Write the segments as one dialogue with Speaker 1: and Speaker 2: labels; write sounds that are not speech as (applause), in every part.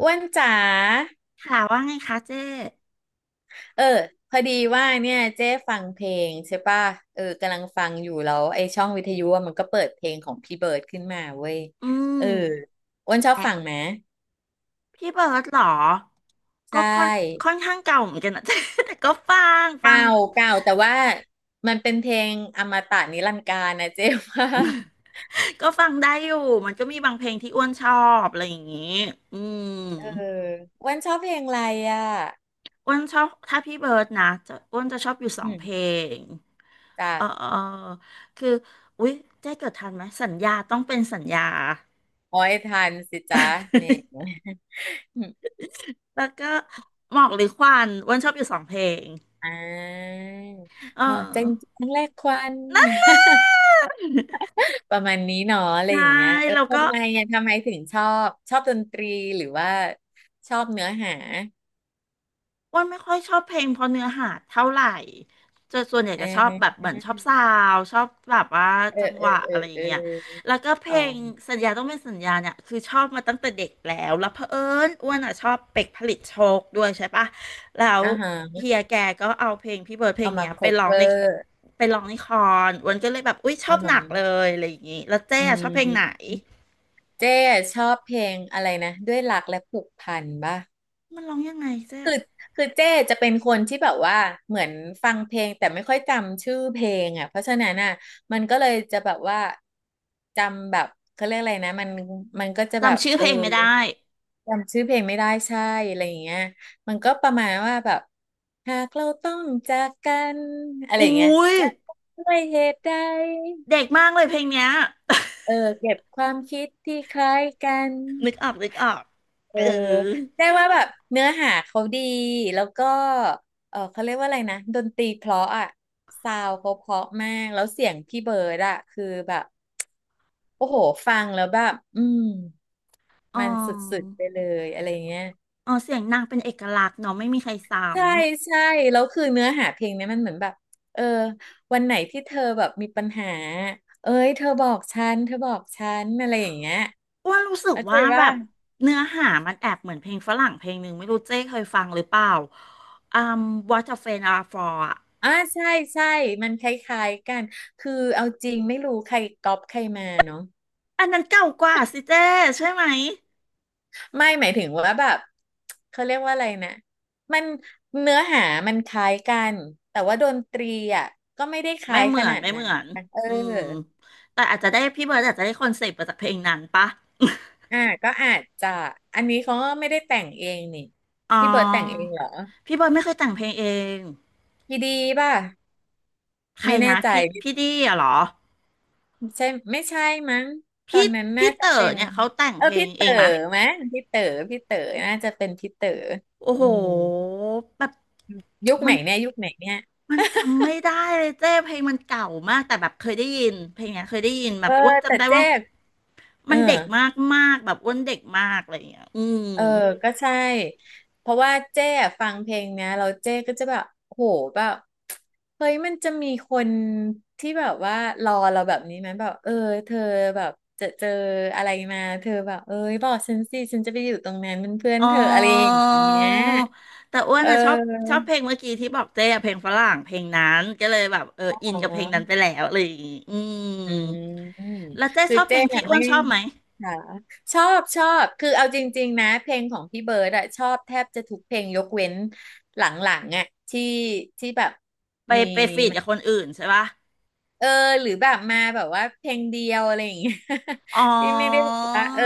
Speaker 1: อ้วนจ๋า
Speaker 2: ค่ะว่าไงคะเจ๊
Speaker 1: เออ พอดีว่าเนี่ยเจ๊ฟังเพลงใช่ป่ะเออกำลังฟังอยู่แล้วไอ้ช่องวิทยุอะมันก็เปิดเพลงของพี่เบิร์ดขึ้นมาเว้ย
Speaker 2: อื
Speaker 1: เออ
Speaker 2: ม
Speaker 1: อ้วนชอบ
Speaker 2: แล้
Speaker 1: ฟัง
Speaker 2: ว
Speaker 1: ไหม
Speaker 2: พี่เบิร์ดเหรอ
Speaker 1: ใช
Speaker 2: ก็ค่อน
Speaker 1: ่
Speaker 2: ค่อนข้างเก่าเหมือนกันนะ (laughs) เจ๊ (laughs) แต่ก็ฟังฟัง
Speaker 1: เก่าเก่าแต่ว่ามันเป็นเพลงอมตะนิรันดร์กาลนะเจ๊ว่า
Speaker 2: ก็ฟังได้อยู่ มันก็มีบางเพลงที่อ้วนชอบอะไรอย่างงี้อืม
Speaker 1: เอออ้วนชอบเพลงอะไรอ่ะ
Speaker 2: อ้วนชอบถ้าพี่เบิร์ดนะจะอ้วนจะชอบอยู่สอ
Speaker 1: อื
Speaker 2: งเพล
Speaker 1: ม
Speaker 2: ง
Speaker 1: จ้ะ
Speaker 2: เออเออคืออุ๊ยเจ๊เกิดทันไหมสัญญาต้องเป็นสัญญา
Speaker 1: โอ้ยทันสิจ๊ะเนี่ย (laughs)
Speaker 2: (laughs) แล้วก็หมอกหรือควันอ้วนชอบอยู่สองเพลง
Speaker 1: อ่า
Speaker 2: เอ
Speaker 1: มอกจัง
Speaker 2: อ
Speaker 1: จังแรกควัน ประมาณนี้เนาะอะไร
Speaker 2: ใช่
Speaker 1: อย่างเงี้ยเออ
Speaker 2: แล้วก็
Speaker 1: ทำไมอ่ะทำไมถึงชอบดนตรีหรือว่าชอบเนื้อหา
Speaker 2: อ้วนไม่ค่อยชอบเพลงเพราะเนื้อหาเท่าไหร่จะส่วนใหญ่
Speaker 1: เ
Speaker 2: จะชอบแบบ
Speaker 1: ออ
Speaker 2: เหมือนชอบซาวด์ชอบแบบว่า
Speaker 1: เอ
Speaker 2: จั
Speaker 1: อ
Speaker 2: ง
Speaker 1: เอ
Speaker 2: ห
Speaker 1: อ
Speaker 2: วะ
Speaker 1: เอ
Speaker 2: อะไร
Speaker 1: อ
Speaker 2: อย่า
Speaker 1: เอ
Speaker 2: งเงี้ย
Speaker 1: อ
Speaker 2: แล้วก็เพ
Speaker 1: อ๋
Speaker 2: ล
Speaker 1: อ
Speaker 2: งสัญญาต้องเป็นสัญญาเนี่ยคือชอบมาตั้งแต่เด็กแล้วแล้วเผอิญอ้วนอ่ะชอบเป็กผลิตโชคด้วยใช่ปะแล้ว
Speaker 1: อ่าฮะ
Speaker 2: เฮียแกก็เอาเพลงพี่เบิร์ดเพลง
Speaker 1: เอามา
Speaker 2: เนี้ยไปร้องใน
Speaker 1: cover
Speaker 2: ไปร้องในคอนอ้วนก็เลยแบบอุ้ยชอ
Speaker 1: อ่า
Speaker 2: บห
Speaker 1: ฮะ
Speaker 2: นักเลยอะไรอย่างงี้แล้วเจ๊
Speaker 1: อื
Speaker 2: อะชอบเพลงไหน
Speaker 1: มเจ๊ชอบเพลงอะไรนะด้วยรักและผูกพันป่ะ
Speaker 2: มันร้องยังไงเจ๊
Speaker 1: คือคือเจ้จะเป็นคนที่แบบว่าเหมือนฟังเพลงแต่ไม่ค่อยจำชื่อเพลงอ่ะเพราะฉะนั้นอ่ะมันก็เลยจะแบบว่าจำแบบเขาเรียกอะไรนะมันก็จะแบบ
Speaker 2: จำชื่อ
Speaker 1: เอ
Speaker 2: เพ
Speaker 1: อ
Speaker 2: ลงไม่ได้
Speaker 1: จำชื่อเพลงไม่ได้ใช่อะไรอย่างเงี้ยมันก็ประมาณว่าแบบหากเราต้องจากกันอะไร
Speaker 2: อุ้
Speaker 1: อย่างเงี้ย
Speaker 2: ย
Speaker 1: จะด้วยเหตุใด
Speaker 2: เด็กมากเลยเพลงเนี้ย
Speaker 1: เออเก็บความคิดที่คล้ายกัน
Speaker 2: นึกออกนึกออก
Speaker 1: เอ
Speaker 2: เอ
Speaker 1: อ
Speaker 2: อ
Speaker 1: ได้ว่าแบบเนื้อหาเขาดีแล้วก็เออเขาเรียกว่าอะไรนะดนตรีเพราะอ่ะซาวเขาเพราะมากแล้วเสียงพี่เบิร์ดอ่ะคือแบบโอ้โหฟังแล้วแบบอืม
Speaker 2: อ๋อ
Speaker 1: มันสุดๆไปเลยอะไรเงี้ย
Speaker 2: อ๋อเสียงนางเป็นเอกลักษณ์เนาะไม่มีใครซ้
Speaker 1: ใช่ใช่แล้วคือเนื้อหาเพลงเนี้ยมันเหมือนแบบเออวันไหนที่เธอแบบมีปัญหาเอ้ยเธอบอกฉันอะไรอย่างเงี้ย
Speaker 2: ำอ้วนรู้สึก
Speaker 1: เข้าใจ
Speaker 2: ว่าแบ
Speaker 1: ว่า
Speaker 2: บเนื้อหามันแอบเหมือนเพลงฝรั่งเพลงหนึ่งไม่รู้เจ๊เคยฟังหรือเปล่าอืม What a Friend Are For อะ
Speaker 1: อ่าใช่ใช่มันคล้ายๆกันคือเอาจริงไม่รู้ใครก๊อปใครมาเนาะ
Speaker 2: อันนั้นเก่ากว่าสิเจ๊ใช่ไหม
Speaker 1: ไม่หมายถึงว่าแบบเขาเรียกว่าอะไรนะมันเนื้อหามันคล้ายกันแต่ว่าดนตรีอ่ะก็ไม่ได้ค
Speaker 2: ไม่
Speaker 1: ล้าย
Speaker 2: เห
Speaker 1: ข
Speaker 2: มือน
Speaker 1: นาด
Speaker 2: ไม่เห
Speaker 1: นั้
Speaker 2: มื
Speaker 1: น
Speaker 2: อน
Speaker 1: เออ
Speaker 2: อืมแต่อาจจะได้พี่เบิร์ดอาจจะได้คอนเซปต์มาจากเพลงนั้นปะ
Speaker 1: อ่าก็อาจจะอันนี้เขาก็ไม่ได้แต่งเองนี่
Speaker 2: อ๋
Speaker 1: พี่เบิร์ดแต่งเอ
Speaker 2: อ
Speaker 1: งเหรอ
Speaker 2: พี่เบิร์ดไม่เคยแต่งเพลงเอง
Speaker 1: พี่ดีป่ะ
Speaker 2: ใคร
Speaker 1: ไม่แน่
Speaker 2: นะ
Speaker 1: ใจ
Speaker 2: พี่ดี้อะเหรอ
Speaker 1: ใช่ไม่ใช่มั้งตอ
Speaker 2: พี่
Speaker 1: นนั้นน่า
Speaker 2: พี่
Speaker 1: จะ
Speaker 2: เต๋
Speaker 1: เป็
Speaker 2: อ
Speaker 1: น
Speaker 2: เนี่ยเขาแต่ง
Speaker 1: เออ
Speaker 2: เพลง
Speaker 1: พี่
Speaker 2: เอ
Speaker 1: เต๋อ
Speaker 2: งมะ
Speaker 1: มั้งพี่เต๋อน่าจะเป็นพี่เต๋อ
Speaker 2: โอ้
Speaker 1: อื
Speaker 2: โห
Speaker 1: ม
Speaker 2: แบบ
Speaker 1: ยุค
Speaker 2: มั
Speaker 1: ไหน
Speaker 2: น
Speaker 1: เนี่ยยุคไหนเนี่ย
Speaker 2: มันจำไม่ได้เลยเจ้เพลงมันเก่ามากแต่แบบเคยได้ยินเพลงเนี้ยเคยได้ยินแบ
Speaker 1: เอ
Speaker 2: บ
Speaker 1: อ
Speaker 2: อ้วน
Speaker 1: แต่
Speaker 2: จำได้
Speaker 1: เจ๊
Speaker 2: ว่า
Speaker 1: เอ
Speaker 2: มั
Speaker 1: อ
Speaker 2: นเด็กมากมากแบบอ้วนเด็กมากอะไรอย่างเงี้ยอืม
Speaker 1: เออก็ใช่เพราะว่าเจ๊อะฟังเพลงเนี้ยเราเจ๊ก็จะแบบโหแบบเฮ้ยมันจะมีคนที่แบบว่ารอเราแบบนี้ไหมแบบเออเธอแบบจะเจออะไรมาเธอแบบเอ้ยบอกฉันสิฉันจะไปอยู่ตรงนั้นเป็นเพื่อน
Speaker 2: อ๋อ
Speaker 1: เธออะไรอย่างเงี้ย
Speaker 2: แต่อ้ว
Speaker 1: เ
Speaker 2: นอะชอบชอบเพ
Speaker 1: ออ
Speaker 2: ลงเมื่อกี้ที่บอกเจ้อะเพลงฝรั่งเพลงนั้นก็เลยแบบเอออินกับเพลงนั้นไปแล้วอะไรอย่างงี้อืม
Speaker 1: อืม
Speaker 2: แล้วเจ้
Speaker 1: คื
Speaker 2: ช
Speaker 1: อ
Speaker 2: อบเพ
Speaker 1: เจ๊
Speaker 2: ลงที่
Speaker 1: อะ
Speaker 2: อ้ว
Speaker 1: ไม่
Speaker 2: นชอบไหม
Speaker 1: ค่ะชอบคือเอาจริงๆนะเพลงของพี่เบิร์ดอะชอบแทบจะทุกเพลงยกเว้นหลังๆอะที่ที่แบบ
Speaker 2: ไป
Speaker 1: มี
Speaker 2: ไปฟีดกับคนอื่นใช่ปะ
Speaker 1: เออหรือแบบมาแบบว่าเพลงเดียวอะไรอย่างเงี้ย
Speaker 2: อ๋อ
Speaker 1: (laughs) ที่ไม่ได้แบบว่าเออ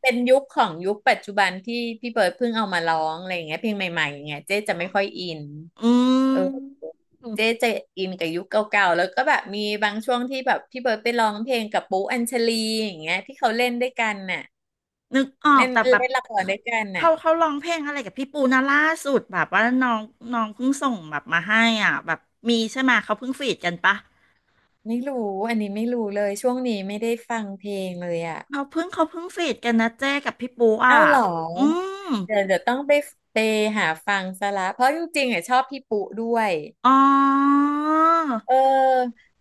Speaker 1: เป็นยุคของยุคปัจจุบันที่พี่เบิร์ดเพิ่งเอามาร้องอะไรอย่างเงี้ยเพลงใหม่ๆอย่างเงี้ยเจ๊จะไม่ค่อยอิน
Speaker 2: อื
Speaker 1: เออ
Speaker 2: ม
Speaker 1: เจ๊จะอินกับยุคเก่าๆแล้วก็แบบมีบางช่วงที่แบบพี่เบิร์ดไปร้องเพลงกับปุ๊อัญชลีอย่างเงี้ยที่เขาเล่นด้วยกันน่ะ
Speaker 2: นึกออก
Speaker 1: เล่น
Speaker 2: แต่แบบ
Speaker 1: เล่นละครด้วยกันน่ะ
Speaker 2: เขาร้องเพลงอะไรกับพี่ปูนะล่าสุดแบบว่าน้องน้องเพิ่งส่งแบบมาให้อ่ะแบบมีใช่ไหมเขาเพิ่งฟีดกันปะ
Speaker 1: ไม่รู้อันนี้ไม่รู้เลยช่วงนี้ไม่ได้ฟังเพลงเลยอ่ะ
Speaker 2: เขาเพิ่งฟีดกันนะเจ้กับพี่ปูอ่ะ
Speaker 1: เอาเหรอ
Speaker 2: อืม
Speaker 1: เดี๋ยวต้องไปหาฟังซะละเพราะจริงๆอ่ะชอบพี่ปุ๊ด้วย
Speaker 2: อ๋อ
Speaker 1: เออ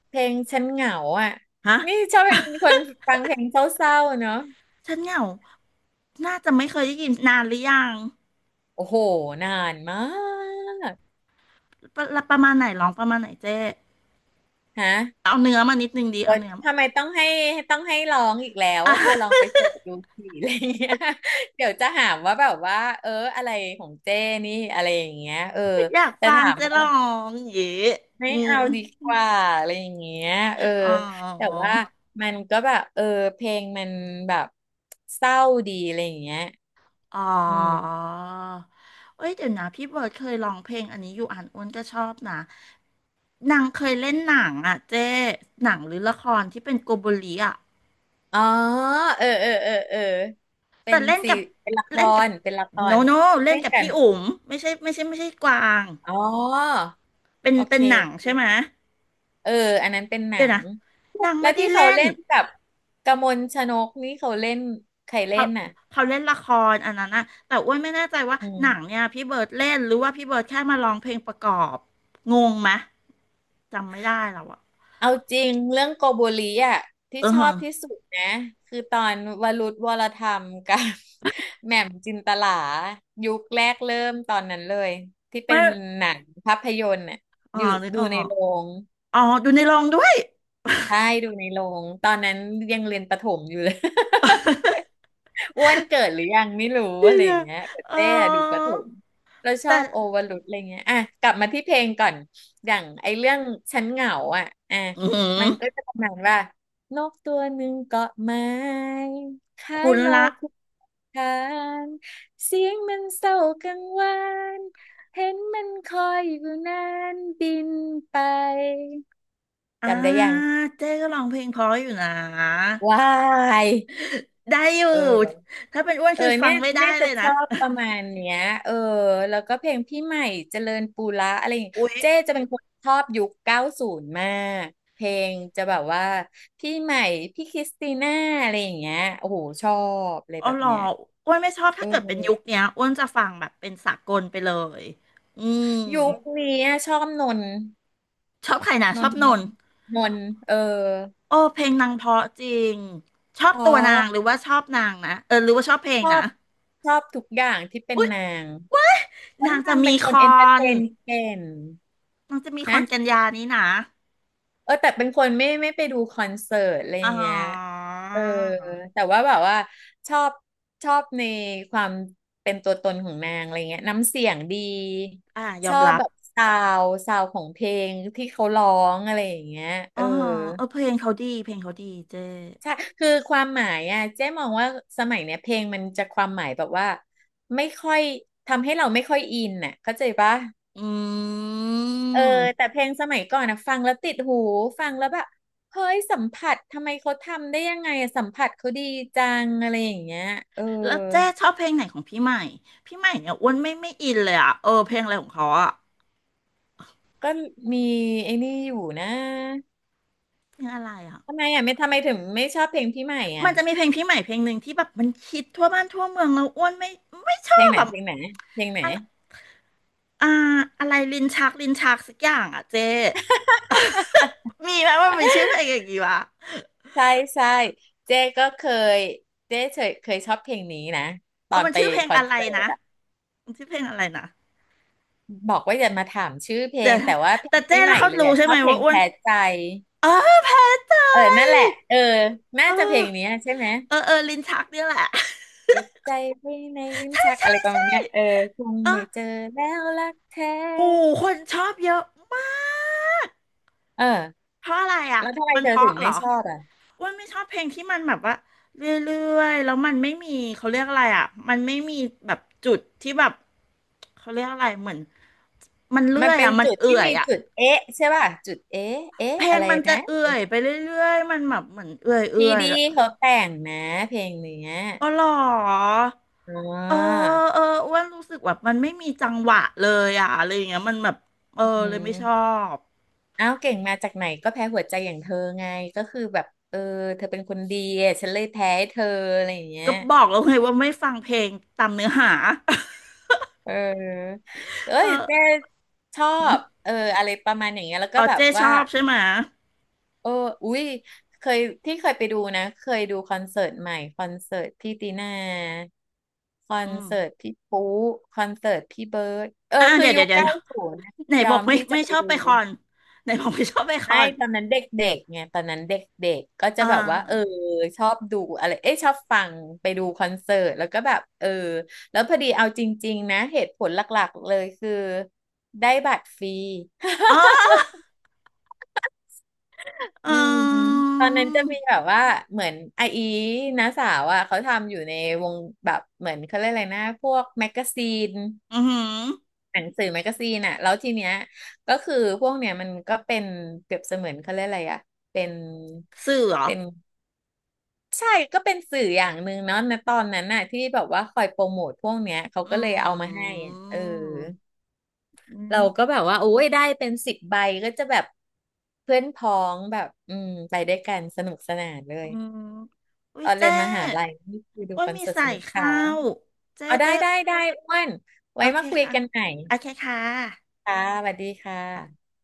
Speaker 1: เพลงฉันเหงาอ่ะ
Speaker 2: ฮะ
Speaker 1: นี่ชอบเป็นคนฟังเพลงเศร้าๆเนาะ
Speaker 2: ฉันเหงาน่าจะไม่เคยได้ยินนานหรือยัง
Speaker 1: โอ้โหนานมาก
Speaker 2: ประมาณไหนร้องประมาณไหนเจ้
Speaker 1: ฮะ
Speaker 2: เอาเนื้อมานิดนึงดี
Speaker 1: โอ๊
Speaker 2: เอา
Speaker 1: ย
Speaker 2: เนื้อ
Speaker 1: ทำไมต้องให้ร้องอีกแล้ว
Speaker 2: อ่ะ
Speaker 1: ว่าเธอลองไปเสิร์ชดูสิอะไรเงี้ย (laughs) เดี๋ยวจะหาว่าแบบว่าเอออะไรของเจ้นี่อะไรอย่างเงี้ยเออ
Speaker 2: อยาก
Speaker 1: แต่
Speaker 2: ฟัง
Speaker 1: ถาม
Speaker 2: จะร้องอย่างงี้
Speaker 1: ไม่
Speaker 2: อืม
Speaker 1: เอาดีกว่าอะไรอย่างเงี้ยเออ
Speaker 2: อ๋
Speaker 1: แต่
Speaker 2: อ
Speaker 1: ว่ามันก็แบบเออเพลงมันแบบเศร้าดีอะไรอย่างเงี้ย
Speaker 2: อ๋อ
Speaker 1: อืม
Speaker 2: เอ้ยเดี๋ยวนะพี่เบิร์ดเคยร้องเพลงอันนี้อยู่อ่านอ้วนก็ชอบนะนางเคยเล่นหนังอ่ะเจ้หนังหรือละครที่เป็นโกโบลีอ่ะ
Speaker 1: อ๋อเออเป็
Speaker 2: แต่
Speaker 1: น
Speaker 2: เล่น
Speaker 1: สี
Speaker 2: กับ
Speaker 1: เป็นละค
Speaker 2: เล่นกับ
Speaker 1: รเป็นละค
Speaker 2: โน
Speaker 1: ร
Speaker 2: โนเล่
Speaker 1: เล่
Speaker 2: น
Speaker 1: น
Speaker 2: กับ
Speaker 1: กัน
Speaker 2: พี่อุ๋มไม่ใช่ไม่ใช่ไม่ใช่กวาง
Speaker 1: อ๋อ
Speaker 2: เป็น
Speaker 1: โอ
Speaker 2: เป็
Speaker 1: เค
Speaker 2: นหนัง
Speaker 1: โอ
Speaker 2: ใช่ไหมย
Speaker 1: เคเอออันนั้นเป็นหนั
Speaker 2: เดี๋ยว
Speaker 1: ง
Speaker 2: นะนาง
Speaker 1: แล้
Speaker 2: ไม่
Speaker 1: ว
Speaker 2: ได้
Speaker 1: ที่เขา
Speaker 2: เล่น
Speaker 1: เล่นกับกมลชนกนี่เขาเล่นใครเล่
Speaker 2: เขา
Speaker 1: นน่ะ
Speaker 2: เขาเล่นละครอันนั้นนะแต่อ้วนไม่แน่ใจว่า
Speaker 1: อื
Speaker 2: หนั
Speaker 1: ม
Speaker 2: งเนี่ยพี่เบิร์ดเล่นหรือว่าพี่เบิร์ดแค่มาร้องเพลงประกอบงงไหมจำไม่ได้แล้วอะ
Speaker 1: เอาจริงเรื่องโกโบริอ่ะที่
Speaker 2: เออ
Speaker 1: ชอบที่สุดนะคือตอนวรุธวรธรรมกับ (laughs) แหม่มจินตลายุคแรกเริ่มตอนนั้นเลยที่เป็
Speaker 2: ไม่
Speaker 1: นหนังภาพยนตร์น่ะ
Speaker 2: อ๋อ
Speaker 1: อยู่
Speaker 2: นึก
Speaker 1: ดู
Speaker 2: ออ
Speaker 1: ใน
Speaker 2: ก
Speaker 1: โรง
Speaker 2: อ๋อดูในโรงด้วย
Speaker 1: ใช่ดูในโรงตอนนั้นยังเรียนประถมอยู่เลย (laughs) อ้วนเกิดหรือยังไม่
Speaker 2: (laughs)
Speaker 1: รู้
Speaker 2: เดี๋
Speaker 1: อะไรอ
Speaker 2: ย
Speaker 1: ย่า
Speaker 2: ว
Speaker 1: งเงี้ยแต่
Speaker 2: ๆเออ
Speaker 1: เต้อะดูประถมแล้วชอ
Speaker 2: แต่
Speaker 1: บโอวรุตอะไรเงี้ยอ่ะกลับมาที่เพลงก่อนอย่างไอ้เรื่องฉันเหงาอ่ะอ่ะ
Speaker 2: อือหือ
Speaker 1: มันก็จะประมาณว่านกตัวหนึ่งเกาะไม้คล้า
Speaker 2: คุ
Speaker 1: ย
Speaker 2: ณ
Speaker 1: โล
Speaker 2: ละ
Speaker 1: คุทานเสียงมันเศร้ากังวานเห็นมันคอยอยู่นานบินไป
Speaker 2: อ่า
Speaker 1: จำได้ยัง
Speaker 2: เจ๊ก็ร้องเพลงเพราะอยู่นะ
Speaker 1: ว้าย
Speaker 2: ได้อยู่
Speaker 1: เออ
Speaker 2: ถ้าเป็นอ้วน
Speaker 1: เออ
Speaker 2: คือฟั
Speaker 1: เนี่
Speaker 2: ง
Speaker 1: ย
Speaker 2: ไม่ได้
Speaker 1: เนี่ย
Speaker 2: เล
Speaker 1: จะ
Speaker 2: ย
Speaker 1: ช
Speaker 2: นะ
Speaker 1: อบประมาณเนี้ยเออแล้วก็เพลงพี่ใหม่เจริญปุระอะไรอย่างเงี้ย
Speaker 2: อุ๊ย
Speaker 1: เจ๊จะเป็นคนชอบยุคเก้าศูนย์มากเพลงจะแบบว่าพี่ใหม่พี่คริสติน่าอะไรอย่างเงี้ยโอ้โหชอบเลย
Speaker 2: เอา
Speaker 1: แบบ
Speaker 2: หรอ
Speaker 1: เนี้ย
Speaker 2: อ้วนไม่ชอบ
Speaker 1: เอ
Speaker 2: ถ้า
Speaker 1: อ
Speaker 2: เกิดเป็นยุคเนี้ยอ้วนจะฟังแบบเป็นสากลไปเลยอืม
Speaker 1: ยุคนี้อะชอบนนท์
Speaker 2: ชอบใครนะ
Speaker 1: น
Speaker 2: ชอ
Speaker 1: น
Speaker 2: บ
Speaker 1: ท์
Speaker 2: น
Speaker 1: น
Speaker 2: น
Speaker 1: น
Speaker 2: ท์
Speaker 1: ท์นนท์เออ
Speaker 2: โอ้เพลงนางเพราะจริงชอ
Speaker 1: เพ
Speaker 2: บ
Speaker 1: รา
Speaker 2: ตัวนา
Speaker 1: ะ
Speaker 2: งหรือว่าชอบนางนะเออหรือว่าชอบเพล
Speaker 1: ช
Speaker 2: ง
Speaker 1: อ
Speaker 2: นะ
Speaker 1: บชอบทุกอย่างที่เป็น
Speaker 2: อุ๊ย
Speaker 1: นางเพราะ
Speaker 2: นางจะ
Speaker 1: นางเป็
Speaker 2: มี
Speaker 1: นค
Speaker 2: ค
Speaker 1: น
Speaker 2: อ
Speaker 1: เอนเตอร์เท
Speaker 2: น
Speaker 1: นเก่ง
Speaker 2: นางจะมีคอ
Speaker 1: ฮะ
Speaker 2: นกันยานี้นะ
Speaker 1: เออแต่เป็นคนไม่ไปดูคอนเสิร์ตอะไร
Speaker 2: อ๋อ
Speaker 1: เงี้ยเออแต่ว่าแบบว่าชอบชอบในความเป็นตัวตนของนางอะไรเงี้ยน้ำเสียงดี
Speaker 2: อ่าย
Speaker 1: ช
Speaker 2: อม
Speaker 1: อบ
Speaker 2: รับ
Speaker 1: แบบซาวซาวของเพลงที่เขาร้องอะไรอย่างเงี้ย
Speaker 2: อ๋
Speaker 1: เอ
Speaker 2: อ
Speaker 1: อ
Speaker 2: เออเพลงเขาดีเพลงเขาดีเจ้
Speaker 1: ใช่คือความหมายอ่ะเจ๊มองว่าสมัยเนี้ยเพลงมันจะความหมายแบบว่าไม่ค่อยทำให้เราไม่ค่อยอินน่ะเข้าใจปะ
Speaker 2: อื
Speaker 1: เออแต่
Speaker 2: ม
Speaker 1: เพลงสมัยก่อนนะฟังแล้วติดหูฟังแล้วแบบเฮ้ยสัมผัสทำไมเขาทำได้ยังไงอะสัมผัสเขาดีจังอะไรอย่างเงี้ยเออ
Speaker 2: แล้วเจ๊ชอบเพลงไหนของพี่ใหม่พี่ใหม่เนี่ยอ้วนไม่อินเลยอ่ะเออเพลงอะไรของเขาอ่ะ
Speaker 1: ก็มีไอ้นี่อยู่นะ
Speaker 2: เพลงอะไรอ่ะ
Speaker 1: ทำไมถึงไม่ชอบเพลงพี่ใหม่
Speaker 2: มั
Speaker 1: อ่ะ
Speaker 2: นจะมีเพลงพี่ใหม่เพลงหนึ่งที่แบบมันคิดทั่วบ้านทั่วเมืองแล้วอ้วนไม่ชอ
Speaker 1: เพลง
Speaker 2: บ
Speaker 1: ไหน
Speaker 2: แบบ
Speaker 1: เพลงไหนเพลงไหน
Speaker 2: อะไรอ่าอะไรลิ้นชักลิ้นชักสักอย่างอ่ะเจ๊ (laughs) มีไหมว่ามันชื่อเพลงอย่างงี้วะ
Speaker 1: ใช่ใช่เจ๊ก็เคยเจ๊เคยชอบเพลงนี้นะต
Speaker 2: เอ
Speaker 1: อ
Speaker 2: อ
Speaker 1: น
Speaker 2: มัน
Speaker 1: ไป
Speaker 2: ชื่อเพลง
Speaker 1: คอน
Speaker 2: อะไร
Speaker 1: เสิร์
Speaker 2: นะ
Speaker 1: ตอ่ะ
Speaker 2: มันชื่อเพลงอะไรนะ
Speaker 1: บอกว่าอย่ามาถามชื่อเพล
Speaker 2: เดี๋ย
Speaker 1: ง
Speaker 2: วนะ
Speaker 1: แต่ว่าเพล
Speaker 2: แต่
Speaker 1: ง
Speaker 2: เจ๊
Speaker 1: พี่ให
Speaker 2: แล้ว
Speaker 1: ม่
Speaker 2: เขา
Speaker 1: เลย
Speaker 2: รู้
Speaker 1: อ่ะ
Speaker 2: ใช่
Speaker 1: ชอ
Speaker 2: ไหม
Speaker 1: บเพล
Speaker 2: ว่า
Speaker 1: ง
Speaker 2: อ้วน
Speaker 1: แพ้ใจ
Speaker 2: เออแพ้ใจ
Speaker 1: เออนั่นแหละเออน่า
Speaker 2: เอ
Speaker 1: จะเพล
Speaker 2: อ
Speaker 1: งเนี้ยใช่ไหม
Speaker 2: เออเออลิ้นชักเนี่ยแหละ
Speaker 1: เก็บใจไว้ในลิ้นชักอะไรประมาณเนี้ยเออคง
Speaker 2: (laughs) เอ
Speaker 1: ไม่
Speaker 2: อ
Speaker 1: เจอแล้วรักแท
Speaker 2: ปู่
Speaker 1: ้
Speaker 2: คนชอบเยอะมาก
Speaker 1: เออ
Speaker 2: เพราะอะไรอ่ะ
Speaker 1: แล้วทำไม
Speaker 2: มัน
Speaker 1: เธ
Speaker 2: เพ
Speaker 1: อถึ
Speaker 2: ราะ
Speaker 1: ง
Speaker 2: เหร
Speaker 1: ไม่
Speaker 2: อ
Speaker 1: ชอบอ่ะ
Speaker 2: อ้วนไม่ชอบเพลงที่มันแบบว่าเรื่อยๆแล้วมันไม่มีเขาเรียกอะไรอ่ะมันไม่มีแบบจุดที่แบบเขาเรียกอะไรเหมือนมันเรื่
Speaker 1: มั
Speaker 2: อ
Speaker 1: น
Speaker 2: ย
Speaker 1: เป็น
Speaker 2: อ่ะมัน
Speaker 1: จุดที่
Speaker 2: เอื่อย
Speaker 1: มี
Speaker 2: อ่ะ
Speaker 1: จุดเอ๊ะใช่ป่ะจุดเอ๊ะเอ๊ะ
Speaker 2: เพล
Speaker 1: อะ
Speaker 2: ง
Speaker 1: ไร
Speaker 2: มันจะ
Speaker 1: นะ
Speaker 2: เอื่อยไปเรื่อยๆมันแบบเหมือนเอื่อย
Speaker 1: พี
Speaker 2: เอื่อย
Speaker 1: ดี
Speaker 2: แล้ว
Speaker 1: เขาแต่งนะเพลงเนี้ย
Speaker 2: อ๋อเหรอ
Speaker 1: อ๋
Speaker 2: เออ
Speaker 1: อ
Speaker 2: เอออ้วนรู้สึกแบบมันไม่มีจังหวะเลยอ่ะอะไรอย่างเงี้ยมันแบบเออ
Speaker 1: อื
Speaker 2: เลยไม่ชอ
Speaker 1: ม
Speaker 2: บ
Speaker 1: เอ้าเก่งมาจากไหนก็แพ้หัวใจอย่างเธอไงก็คือแบบเออเธอเป็นคนดีอะฉันเลยแพ้ให้เธออะไรอย่างเงี้ย
Speaker 2: ก็บอกแล้วไงว่าไม่ฟังเพลงตามเนื้อหา
Speaker 1: เออเอ้
Speaker 2: เอ
Speaker 1: ยเจ๊
Speaker 2: อ
Speaker 1: ชอ
Speaker 2: อืม
Speaker 1: บเอออะไรประมาณอย่างเงี้ยแล้วก็
Speaker 2: อ๋อ
Speaker 1: แบบ
Speaker 2: เจ๊ช
Speaker 1: ว่า
Speaker 2: อบใช่ไหม
Speaker 1: เอออุ้ยเคยที่เคยไปดูนะ เคยดูคอนเสิร์ตใหม่คอนเสิร์ตพี่ตีน่าคอ
Speaker 2: อื
Speaker 1: น
Speaker 2: ม
Speaker 1: เสิร์ตพี่ปุ๊คอนเสิร์ตพี่เบิร์ดเออ
Speaker 2: อ่า
Speaker 1: คือ
Speaker 2: เดี๋ยว
Speaker 1: ยุ
Speaker 2: เดี๋ยว
Speaker 1: ค
Speaker 2: เดี๋ยว
Speaker 1: เก้าศูนย์
Speaker 2: ไหน
Speaker 1: ยอ
Speaker 2: บอก
Speaker 1: ม
Speaker 2: ไม่
Speaker 1: ที่จะ
Speaker 2: ไม่
Speaker 1: ไป
Speaker 2: ชอบ
Speaker 1: ดู
Speaker 2: ไปคอนไหนบอกไม่ชอบไปคอ
Speaker 1: ไม่
Speaker 2: น
Speaker 1: ตอนนั้นเด็กๆไงตอนนั้นเด็กๆก็จะ
Speaker 2: อ่า
Speaker 1: แบบว่าเออชอบดูอะไรเอ้ชอบฟังไปดูคอนเสิร์ตแล้วก็แบบเออแล้วพอดีเอาจริงๆนะเหตุผลหลักๆเลยคือได้บัตรฟรี
Speaker 2: อ๋อ
Speaker 1: (laughs)
Speaker 2: อื
Speaker 1: อืมตอนนั้นจะมีแบ
Speaker 2: ม
Speaker 1: บว่าเหมือนไออีน้าสาวอ่ะเขาทำอยู่ในวงแบบเหมือนเขาเรียกอะไรนะพวกแมกกาซีน
Speaker 2: อือหือ
Speaker 1: หนังสือแมกกาซีนอ่ะแล้วทีเนี้ยก็คือพวกเนี้ยมันก็เป็นเปรียบเสมือนเขาเรียกอะไรอ่ะเป็น
Speaker 2: สื่อเหรอ
Speaker 1: เป็น ใช่ก็เป็นสื่ออย่างหนึ่งเนาะในตอนนั้นน่ะที่แบบว่าคอยโปรโมทพวกเนี้ยเขาก็
Speaker 2: อื
Speaker 1: เลยเอามาให้อะเออ
Speaker 2: มอื
Speaker 1: เราก็
Speaker 2: ม
Speaker 1: แบบว่าโอ้ยได้เป็นสิบใบก็จะแบบเพื่อนพ้องแบบอืมไปด้วยกันสนุกสนานเล
Speaker 2: อื
Speaker 1: ย
Speaker 2: มอุ้
Speaker 1: อ
Speaker 2: ย
Speaker 1: อนเรี
Speaker 2: เจ๊
Speaker 1: ยนมหาลัยนี่คือดู
Speaker 2: ว่า
Speaker 1: คอน
Speaker 2: มี
Speaker 1: เสิร์ต
Speaker 2: ใส่
Speaker 1: สนุกค่ะ
Speaker 2: ข้าวเจ๊
Speaker 1: เอาได้
Speaker 2: เจ๊
Speaker 1: ได้ได้อ้วน
Speaker 2: โอ
Speaker 1: ไว้
Speaker 2: เค
Speaker 1: มาคุย
Speaker 2: ค่ะ
Speaker 1: กันใหม่
Speaker 2: โอเคค่ะ
Speaker 1: ค่ะสวัสดีค่ะ